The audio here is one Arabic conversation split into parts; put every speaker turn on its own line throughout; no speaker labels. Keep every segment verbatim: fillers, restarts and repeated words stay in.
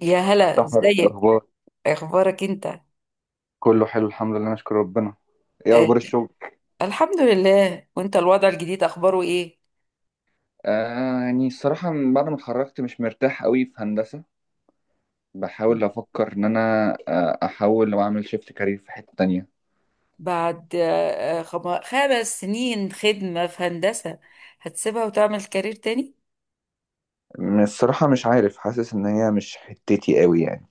يا هلا،
سحر، إيه
ازيك؟
الأخبار؟
اخبارك انت؟
كله حلو الحمد لله نشكر ربنا. إيه
آه،
أخبار الشغل؟
الحمد لله. وانت الوضع الجديد اخباره ايه؟
آه يعني الصراحة من بعد ما اتخرجت مش مرتاح قوي في هندسة. بحاول أفكر إن أنا آه، أحاول وأعمل شيفت كارير في حتة تانية.
بعد آه، خم- خمس سنين خدمة في هندسة هتسيبها وتعمل كارير تاني؟
م- الصراحة مش عارف، حاسس إن هي مش حتتي قوي يعني.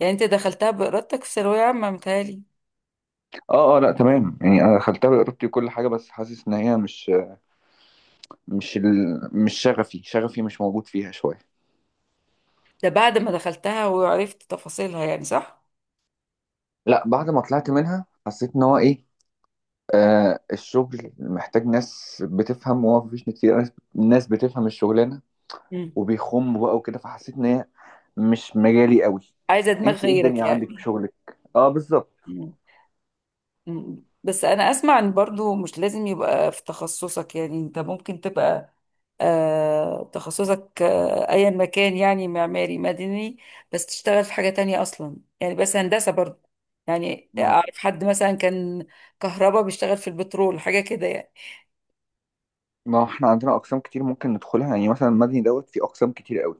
يعني انت دخلتها بإرادتك في ثانوية عامة، متهيألي.
آه آه لأ تمام، يعني أنا دخلتها بإرادتي وكل حاجة، بس حاسس إن هي مش مش ال... مش شغفي، شغفي مش موجود فيها شوية.
ده بعد ما دخلتها وعرفت تفاصيلها يعني، صح؟
لأ بعد ما طلعت منها حسيت إن هو إيه، آه الشغل محتاج ناس بتفهم، وهو مفيش ناس كتير، ناس ناس بتفهم الشغلانة
مم.
وبيخموا بقى وكده، فحسيت ان هي مش مجالي قوي.
عايزة دماغ
انت ايه
غيرك
الدنيا عندك في
يعني.
شغلك؟ اه بالظبط.
مم. بس انا اسمع ان برضو مش لازم يبقى في تخصصك، يعني انت ممكن تبقى آه تخصصك آه ايا مكان، يعني معماري، مدني، بس تشتغل في حاجة تانية اصلا، يعني بس هندسة برضو. يعني
ما
اعرف حد مثلا كان كهرباء بيشتغل في البترول، حاجة كده يعني.
ما احنا عندنا اقسام كتير ممكن ندخلها يعني، مثلا المدني دوت في اقسام كتير قوي.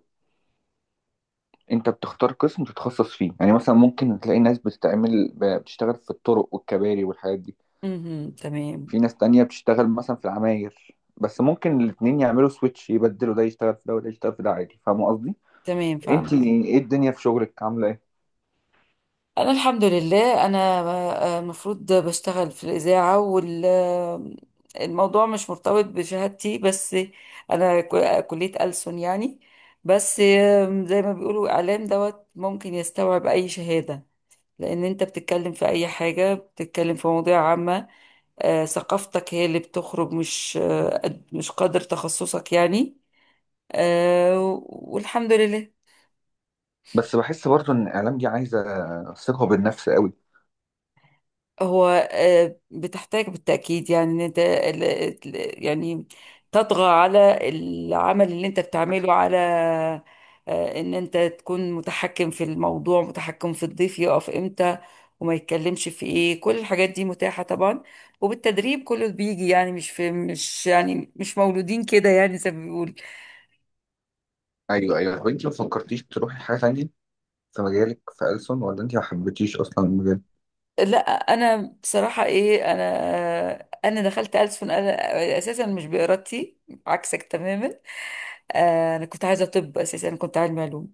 انت بتختار قسم تتخصص فيه، يعني مثلا ممكن تلاقي ناس بتتعمل ب- بتشتغل في الطرق والكباري والحاجات دي.
مهم، تمام.
في ناس تانية بتشتغل مثلا في العماير، بس ممكن الاتنين يعملوا سويتش، يبدلوا ده يشتغل في ده وده يشتغل في ده عادي. فاهم قصدي؟
تمام،
انت
فاهمة.
ايه الدنيا في شغلك عامله ايه؟
انا الحمد لله، انا آه، المفروض بشتغل في الاذاعه، والموضوع مش مرتبط بشهادتي. بس انا ك- كليه ألسن يعني. بس زي ما بيقولوا اعلام دوت ممكن يستوعب اي شهاده، لان انت بتتكلم في اي حاجه، بتتكلم في مواضيع عامه. آه، ثقافتك هي اللي بتخرج، مش آه، قد- مش قدر تخصصك يعني. آه، والحمد لله.
بس بحس برضو ان الاعلام دي عايزه ثقه بالنفس قوي.
هو آه، بتحتاج بالتأكيد، يعني ان انت ال- ال- يعني تطغى على العمل اللي انت بتعمله، على آه، ان انت تكون متحكم في الموضوع، متحكم في الضيف يقف امتى وما يتكلمش في ايه. كل الحاجات دي متاحة طبعا، وبالتدريب كله بيجي يعني، مش في مش يعني مش مولودين كده، يعني زي ما بيقول.
ايوه ايوه. طب انت ما فكرتيش تروحي حاجه تانية في مجالك في ألسن، ولا انت ما حبيتيش اصلا المجال؟
لا، انا بصراحة ايه، انا انا دخلت ألسن انا اساسا مش بإرادتي، عكسك تماما. آه، انا كنت عايزه طب اساسا. انا كنت علمي علوم،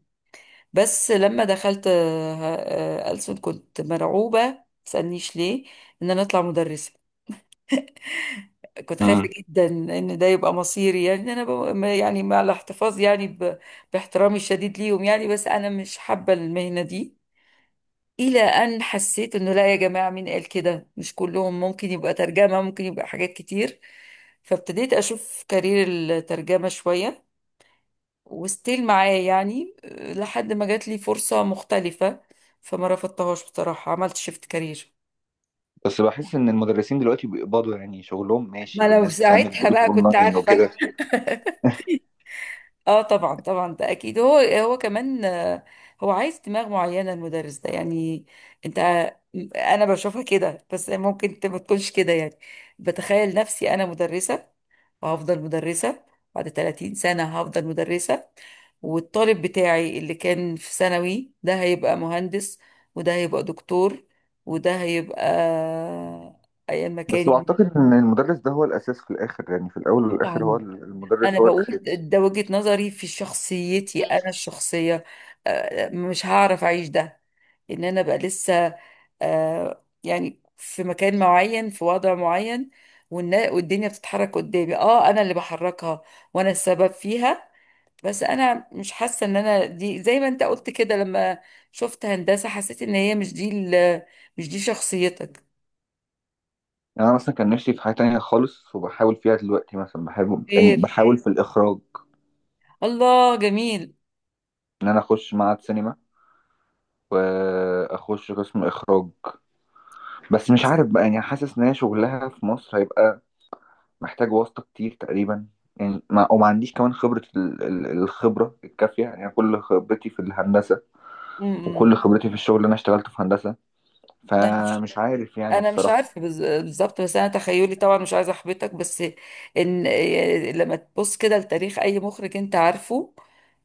بس لما دخلت آه، آه، ألسن كنت مرعوبه، ما تسالنيش ليه. ان انا اطلع مدرسه، كنت خايفه
امم.
جدا ان ده يبقى مصيري. يعني إن انا ب... ما- يعني مع الاحتفاظ، يعني ب... باحترامي الشديد ليهم يعني، بس انا مش حابه المهنه دي. الى ان حسيت انه لا، يا جماعه، مين قال كده؟ مش كلهم ممكن يبقى ترجمه، ممكن يبقى حاجات كتير. فابتديت اشوف كارير الترجمه شويه وستيل معاه يعني، آه، لحد ما جات لي فرصة مختلفة، فما رفضتهاش بصراحة، عملت شيفت كارير.
بس بحس ان المدرسين دلوقتي بيقبضوا يعني، شغلهم ماشي
ما لو
والناس بتعمل
ساعتها
دروس
بقى كنت
اونلاين
عارفة.
وكده.
اه، طبعا طبعا، ده اكيد. هو هو كمان آه، هو عايز دماغ معينة المدرس ده يعني، انت. انا بشوفها كده، بس ممكن انت ما تكونش كده يعني. بتخيل نفسي انا مدرسة، وهفضل مدرسة. بعد ثلاثين سنة هفضل مدرسة، والطالب بتاعي اللي كان في ثانوي ده هيبقى مهندس، وده هيبقى دكتور، وده هيبقى أيا ما
بس
كان،
بعتقد ان المدرس ده هو الاساس في الاخر، يعني في الاول
مسؤول
والاخر هو
عني. أنا
المدرس هو
بقول
الاساس.
ده وجهة نظري في شخصيتي أنا الشخصية. آه، مش هعرف أعيش ده، إن أنا بقى لسه آه، يعني في مكان معين، في وضع معين، والنا- والدنيا بتتحرك قدامي. اه، انا اللي بحركها وانا السبب فيها. بس انا مش حاسه ان انا دي، زي ما انت قلت كده، لما شفت هندسه حسيت ان هي مش دي ال- مش دي شخصيتك.
يعني انا مثلا كان نفسي في حاجه تانية خالص، وبحاول فيها دلوقتي، مثلا بحاول يعني
غير،
بحاول في الاخراج،
الله جميل.
ان انا اخش معهد سينما واخش قسم اخراج. بس مش عارف بقى، يعني حاسس ان هي شغلها في مصر هيبقى محتاج واسطة كتير تقريبا. يعني ما وما عنديش كمان خبرة ال- ال- الخبرة الكافية، يعني كل خبرتي في الهندسة وكل
امم
خبرتي في الشغل اللي انا اشتغلته في هندسة،
انا مش
فمش عارف يعني
أنا مش
الصراحة.
عارفه بز- بالظبط، بس انا تخيلي، طبعا مش عايزه احبطك، بس ان إيه، لما تبص كده لتاريخ اي مخرج انت عارفه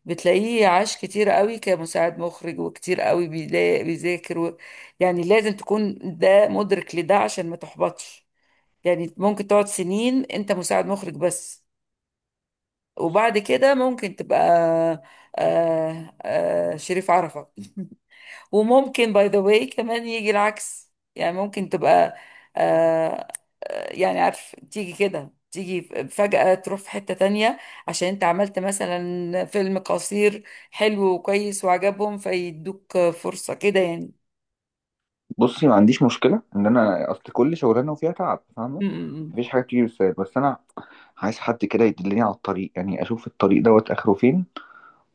بتلاقيه عاش كتير قوي كمساعد مخرج، وكتير قوي بيلا- بيذاكر و... يعني لازم تكون ده مدرك لده عشان ما تحبطش. يعني ممكن تقعد سنين انت مساعد مخرج بس، وبعد كده ممكن تبقى آه آه شريف عرفة. وممكن باي ذا واي كمان يجي العكس، يعني ممكن تبقى آه يعني، عارف، تيجي كده تيجي، فجأة تروح في حتة تانية عشان انت عملت مثلا فيلم قصير حلو وكويس وعجبهم، فيدوك فرصة كده يعني.
بصي، ما عنديش مشكلة ان انا اصل كل شغلانة وفيها تعب، فاهمة؟
م- م- م.
مفيش حاجة بتيجي بالسهل، بس انا عايز حد كده يدلني على الطريق، يعني اشوف الطريق دوت اخره فين،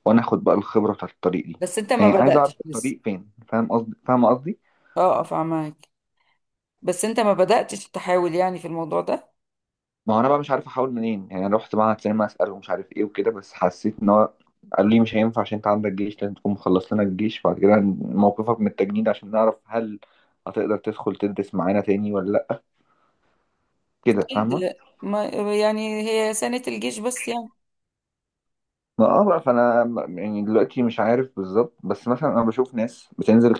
وانا اخد بقى الخبره بتاعت الطريق دي.
بس انت ما
يعني عايز اعرف
بدأتش لسه.
الطريق فين. فاهم قصدي؟ فاهم قصدي؟
اه اه، فاهمك. بس انت ما بدأتش تحاول يعني في الموضوع ده.
ما هو انا بقى مش عارف احاول منين يعني. انا رحت معهد سينما اساله ومش عارف ايه وكده، بس حسيت ان هو قالوا لي مش هينفع عشان انت عندك جيش، لازم تكون مخلص لنا الجيش بعد كده موقفك من التجنيد عشان نعرف هل هتقدر تدخل تدرس معانا تاني ولا لا. كده
أكيد.
فاهمه؟
ما يعني هي سنة الجيش بس يعني.
ما اه بقى، فانا م- يعني دلوقتي مش عارف بالظبط، بس مثلا انا بشوف ناس بتنزل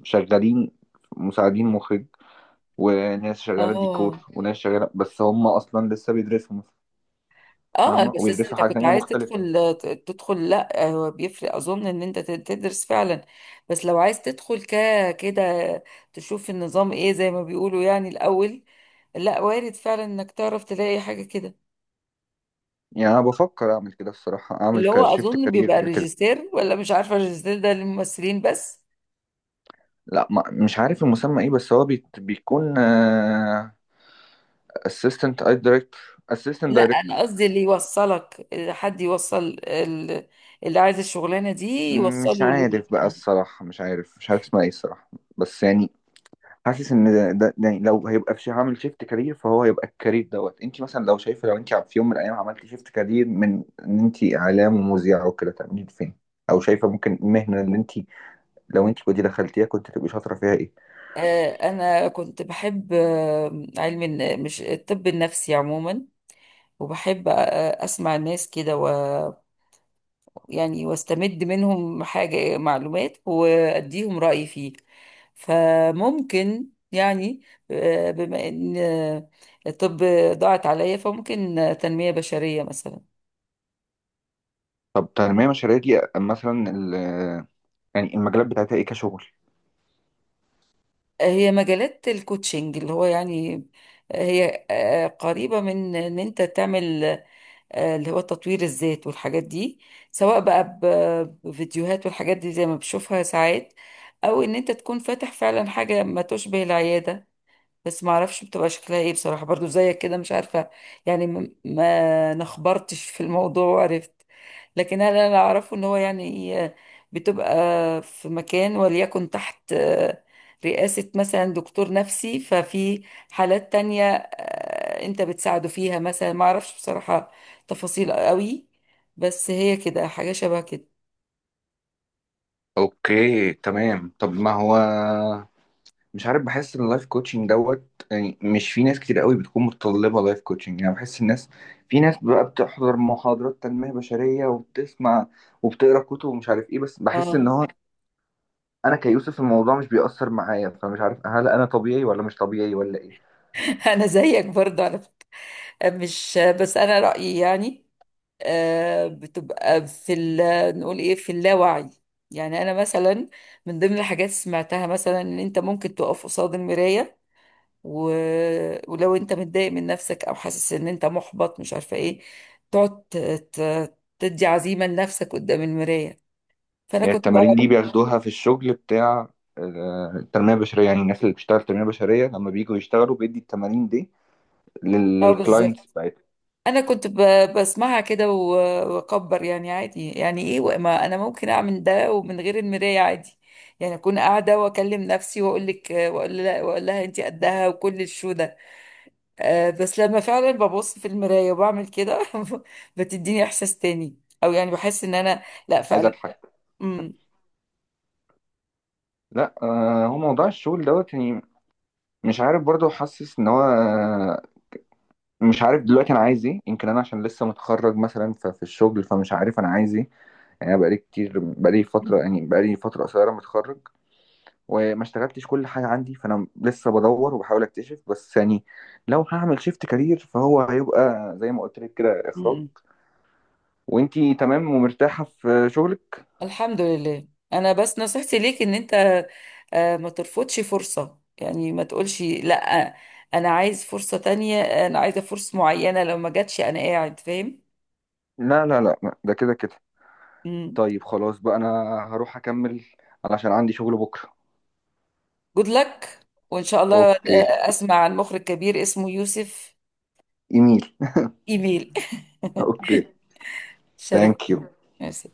كشغالين مساعدين مخرج، وناس شغاله
اه
ديكور، وناس شغاله بس هم اصلا لسه بيدرسوا.
اه،
فاهمة؟
بس أصل
وبيدرسوا
انت
حاجة
كنت
تانية
عايز
مختلفة.
تدخل. تدخل، لا هو بيفرق، اظن ان انت تدرس فعلا، بس لو عايز تدخل ك كده، تشوف النظام ايه، زي ما بيقولوا يعني الاول. لا، وارد فعلا انك تعرف تلاقي حاجة كده،
يعني أنا بفكر أعمل كده الصراحة، أعمل
اللي هو
كشيفت
اظن بيبقى
كارير كده.
الريجستير، ولا مش عارفة الريجستير ده للممثلين بس.
لا، ما مش عارف المسمى إيه، بس هو بيت بيكون آه، assistant director. Assistant
لا،
director.
انا قصدي اللي يوصلك. حد يوصل ال- اللي عايز الشغلانة دي،
مش
يوصله لل
عارف بقى الصراحة، مش عارف مش عارف اسمها إيه الصراحة، بس يعني حاسس إن ده, ده يعني لو هيبقى في شي- هعمل شيفت كارير فهو هيبقى الكارير دوت. أنت مثلا لو شايفة، لو أنت في يوم من الأيام عملتي شيفت كارير من إن أنت إعلام ومذيعة وكده، تعملي فين؟ أو شايفة ممكن المهنة اللي أنت لو أنت كنت دخلتيها كنت تبقي شاطرة فيها إيه؟
آه، انا كنت بحب آه، علم الن- مش الطب النفسي عموما. وبحب آه، اسمع الناس كده، و يعني واستمد منهم حاجة، معلومات، واديهم رأيي فيه. فممكن يعني آه، بما ان آه، الطب ضاعت عليا، فممكن آه، تنمية بشرية مثلا.
طب تنمية مشاريع دي مثلا ال- يعني المجالات بتاعتها ايه كشغل؟
هي مجالات الكوتشنج اللي هو، يعني هي آه، قريبة من ان انت تعمل آه، اللي هو تطوير الذات والحاجات دي، سواء بقى ب- بفيديوهات والحاجات دي زي ما بشوفها ساعات، او ان انت تكون فاتح فعلا حاجة ما تشبه العيادة. بس ما اعرفش بتبقى شكلها ايه بصراحة، برضو زيك كده مش عارفة. يعني م- ما نخبرتش في الموضوع وعرفت. لكن انا اللي اعرفه ان هو، يعني آه، بتبقى في مكان، وليكن تحت آه، رئاسة مثلا دكتور نفسي، ففي حالات تانية آه، انت بتساعده فيها مثلا. ما اعرفش بصراحة تفاصيل قوي، بس هي كده حاجة شبه كده.
اوكي تمام. طب ما هو مش عارف، بحس ان اللايف كوتشنج دوت يعني مش في ناس كتير قوي بتكون متطلبة لايف كوتشنج، يعني بحس الناس، في ناس بقى بتحضر محاضرات تنمية بشرية وبتسمع وبتقرا كتب ومش عارف ايه، بس بحس ان
اه.
هو انا كيوسف الموضوع مش بيأثر معايا، فمش عارف هل انا طبيعي ولا مش طبيعي ولا ايه.
انا زيك برضو على فكرة. مش بس انا رأيي يعني. آه، بتبقى في ال- نقول ايه، في اللاوعي. يعني انا مثلا من ضمن الحاجات سمعتها مثلا ان انت ممكن تقف قصاد المراية، و... ولو انت متضايق من نفسك او حاسس ان انت محبط، مش عارفة ايه، تقعد ت... ت... تدي عزيمة لنفسك قدام المراية. فانا
هي
كنت بقى،
التمارين دي بياخدوها في الشغل بتاع آه، التنمية البشرية، يعني الناس اللي بتشتغل تنمية بشرية لما بييجوا يشتغلوا بيدي التمارين دي لل-
اه بالظبط،
للكلاينتس بتاعتهم؟
انا كنت ب... بسمعها كده و... واكبر يعني عادي، يعني ايه و- ما انا ممكن اعمل ده ومن غير المرايه عادي. يعني اكون قاعده واكلم نفسي واقول لك واقول لها واقول لها انت قدها، وكل الشو ده. آه، بس لما فعلا ببص في المرايه وبعمل كده بتديني احساس تاني، او يعني بحس ان انا، لا
عايز
فعلا.
أضحك.
امم
لا آه، هو موضوع الشغل دوت يعني، مش عارف برضه، حاسس إن هو آه، مش عارف دلوقتي أنا عايز إيه، يمكن أنا عشان لسه متخرج مثلا ف- في الشغل فمش عارف أنا عايز إيه. يعني أنا بقالي كتير، بقالي
امم،
فترة، يعني بقالي فترة قصيرة متخرج وما اشتغلتش كل حاجة عندي، فأنا لسه بدور وبحاول أكتشف، بس يعني لو هعمل شيفت كارير فهو هيبقى زي ما قلت لك كده إخراج.
امم.
وإنتي تمام ومرتاحة في شغلك.
الحمد لله. انا بس نصيحتي ليك ان انت آه، ما ترفضش فرصة، يعني ما تقولش لا انا عايز فرصة تانية، انا عايزة فرصة معينة، لو ما جاتش انا قاعد. فاهم؟
لا لا لا، ده كده كده. طيب خلاص بقى أنا هروح أكمل علشان عندي شغل بكرة.
جود لك. وان شاء الله
أوكي.
آه، اسمع عن مخرج كبير اسمه يوسف.
إيميل.
ايميل.
أوكي. ثانك يو.
شرفتني.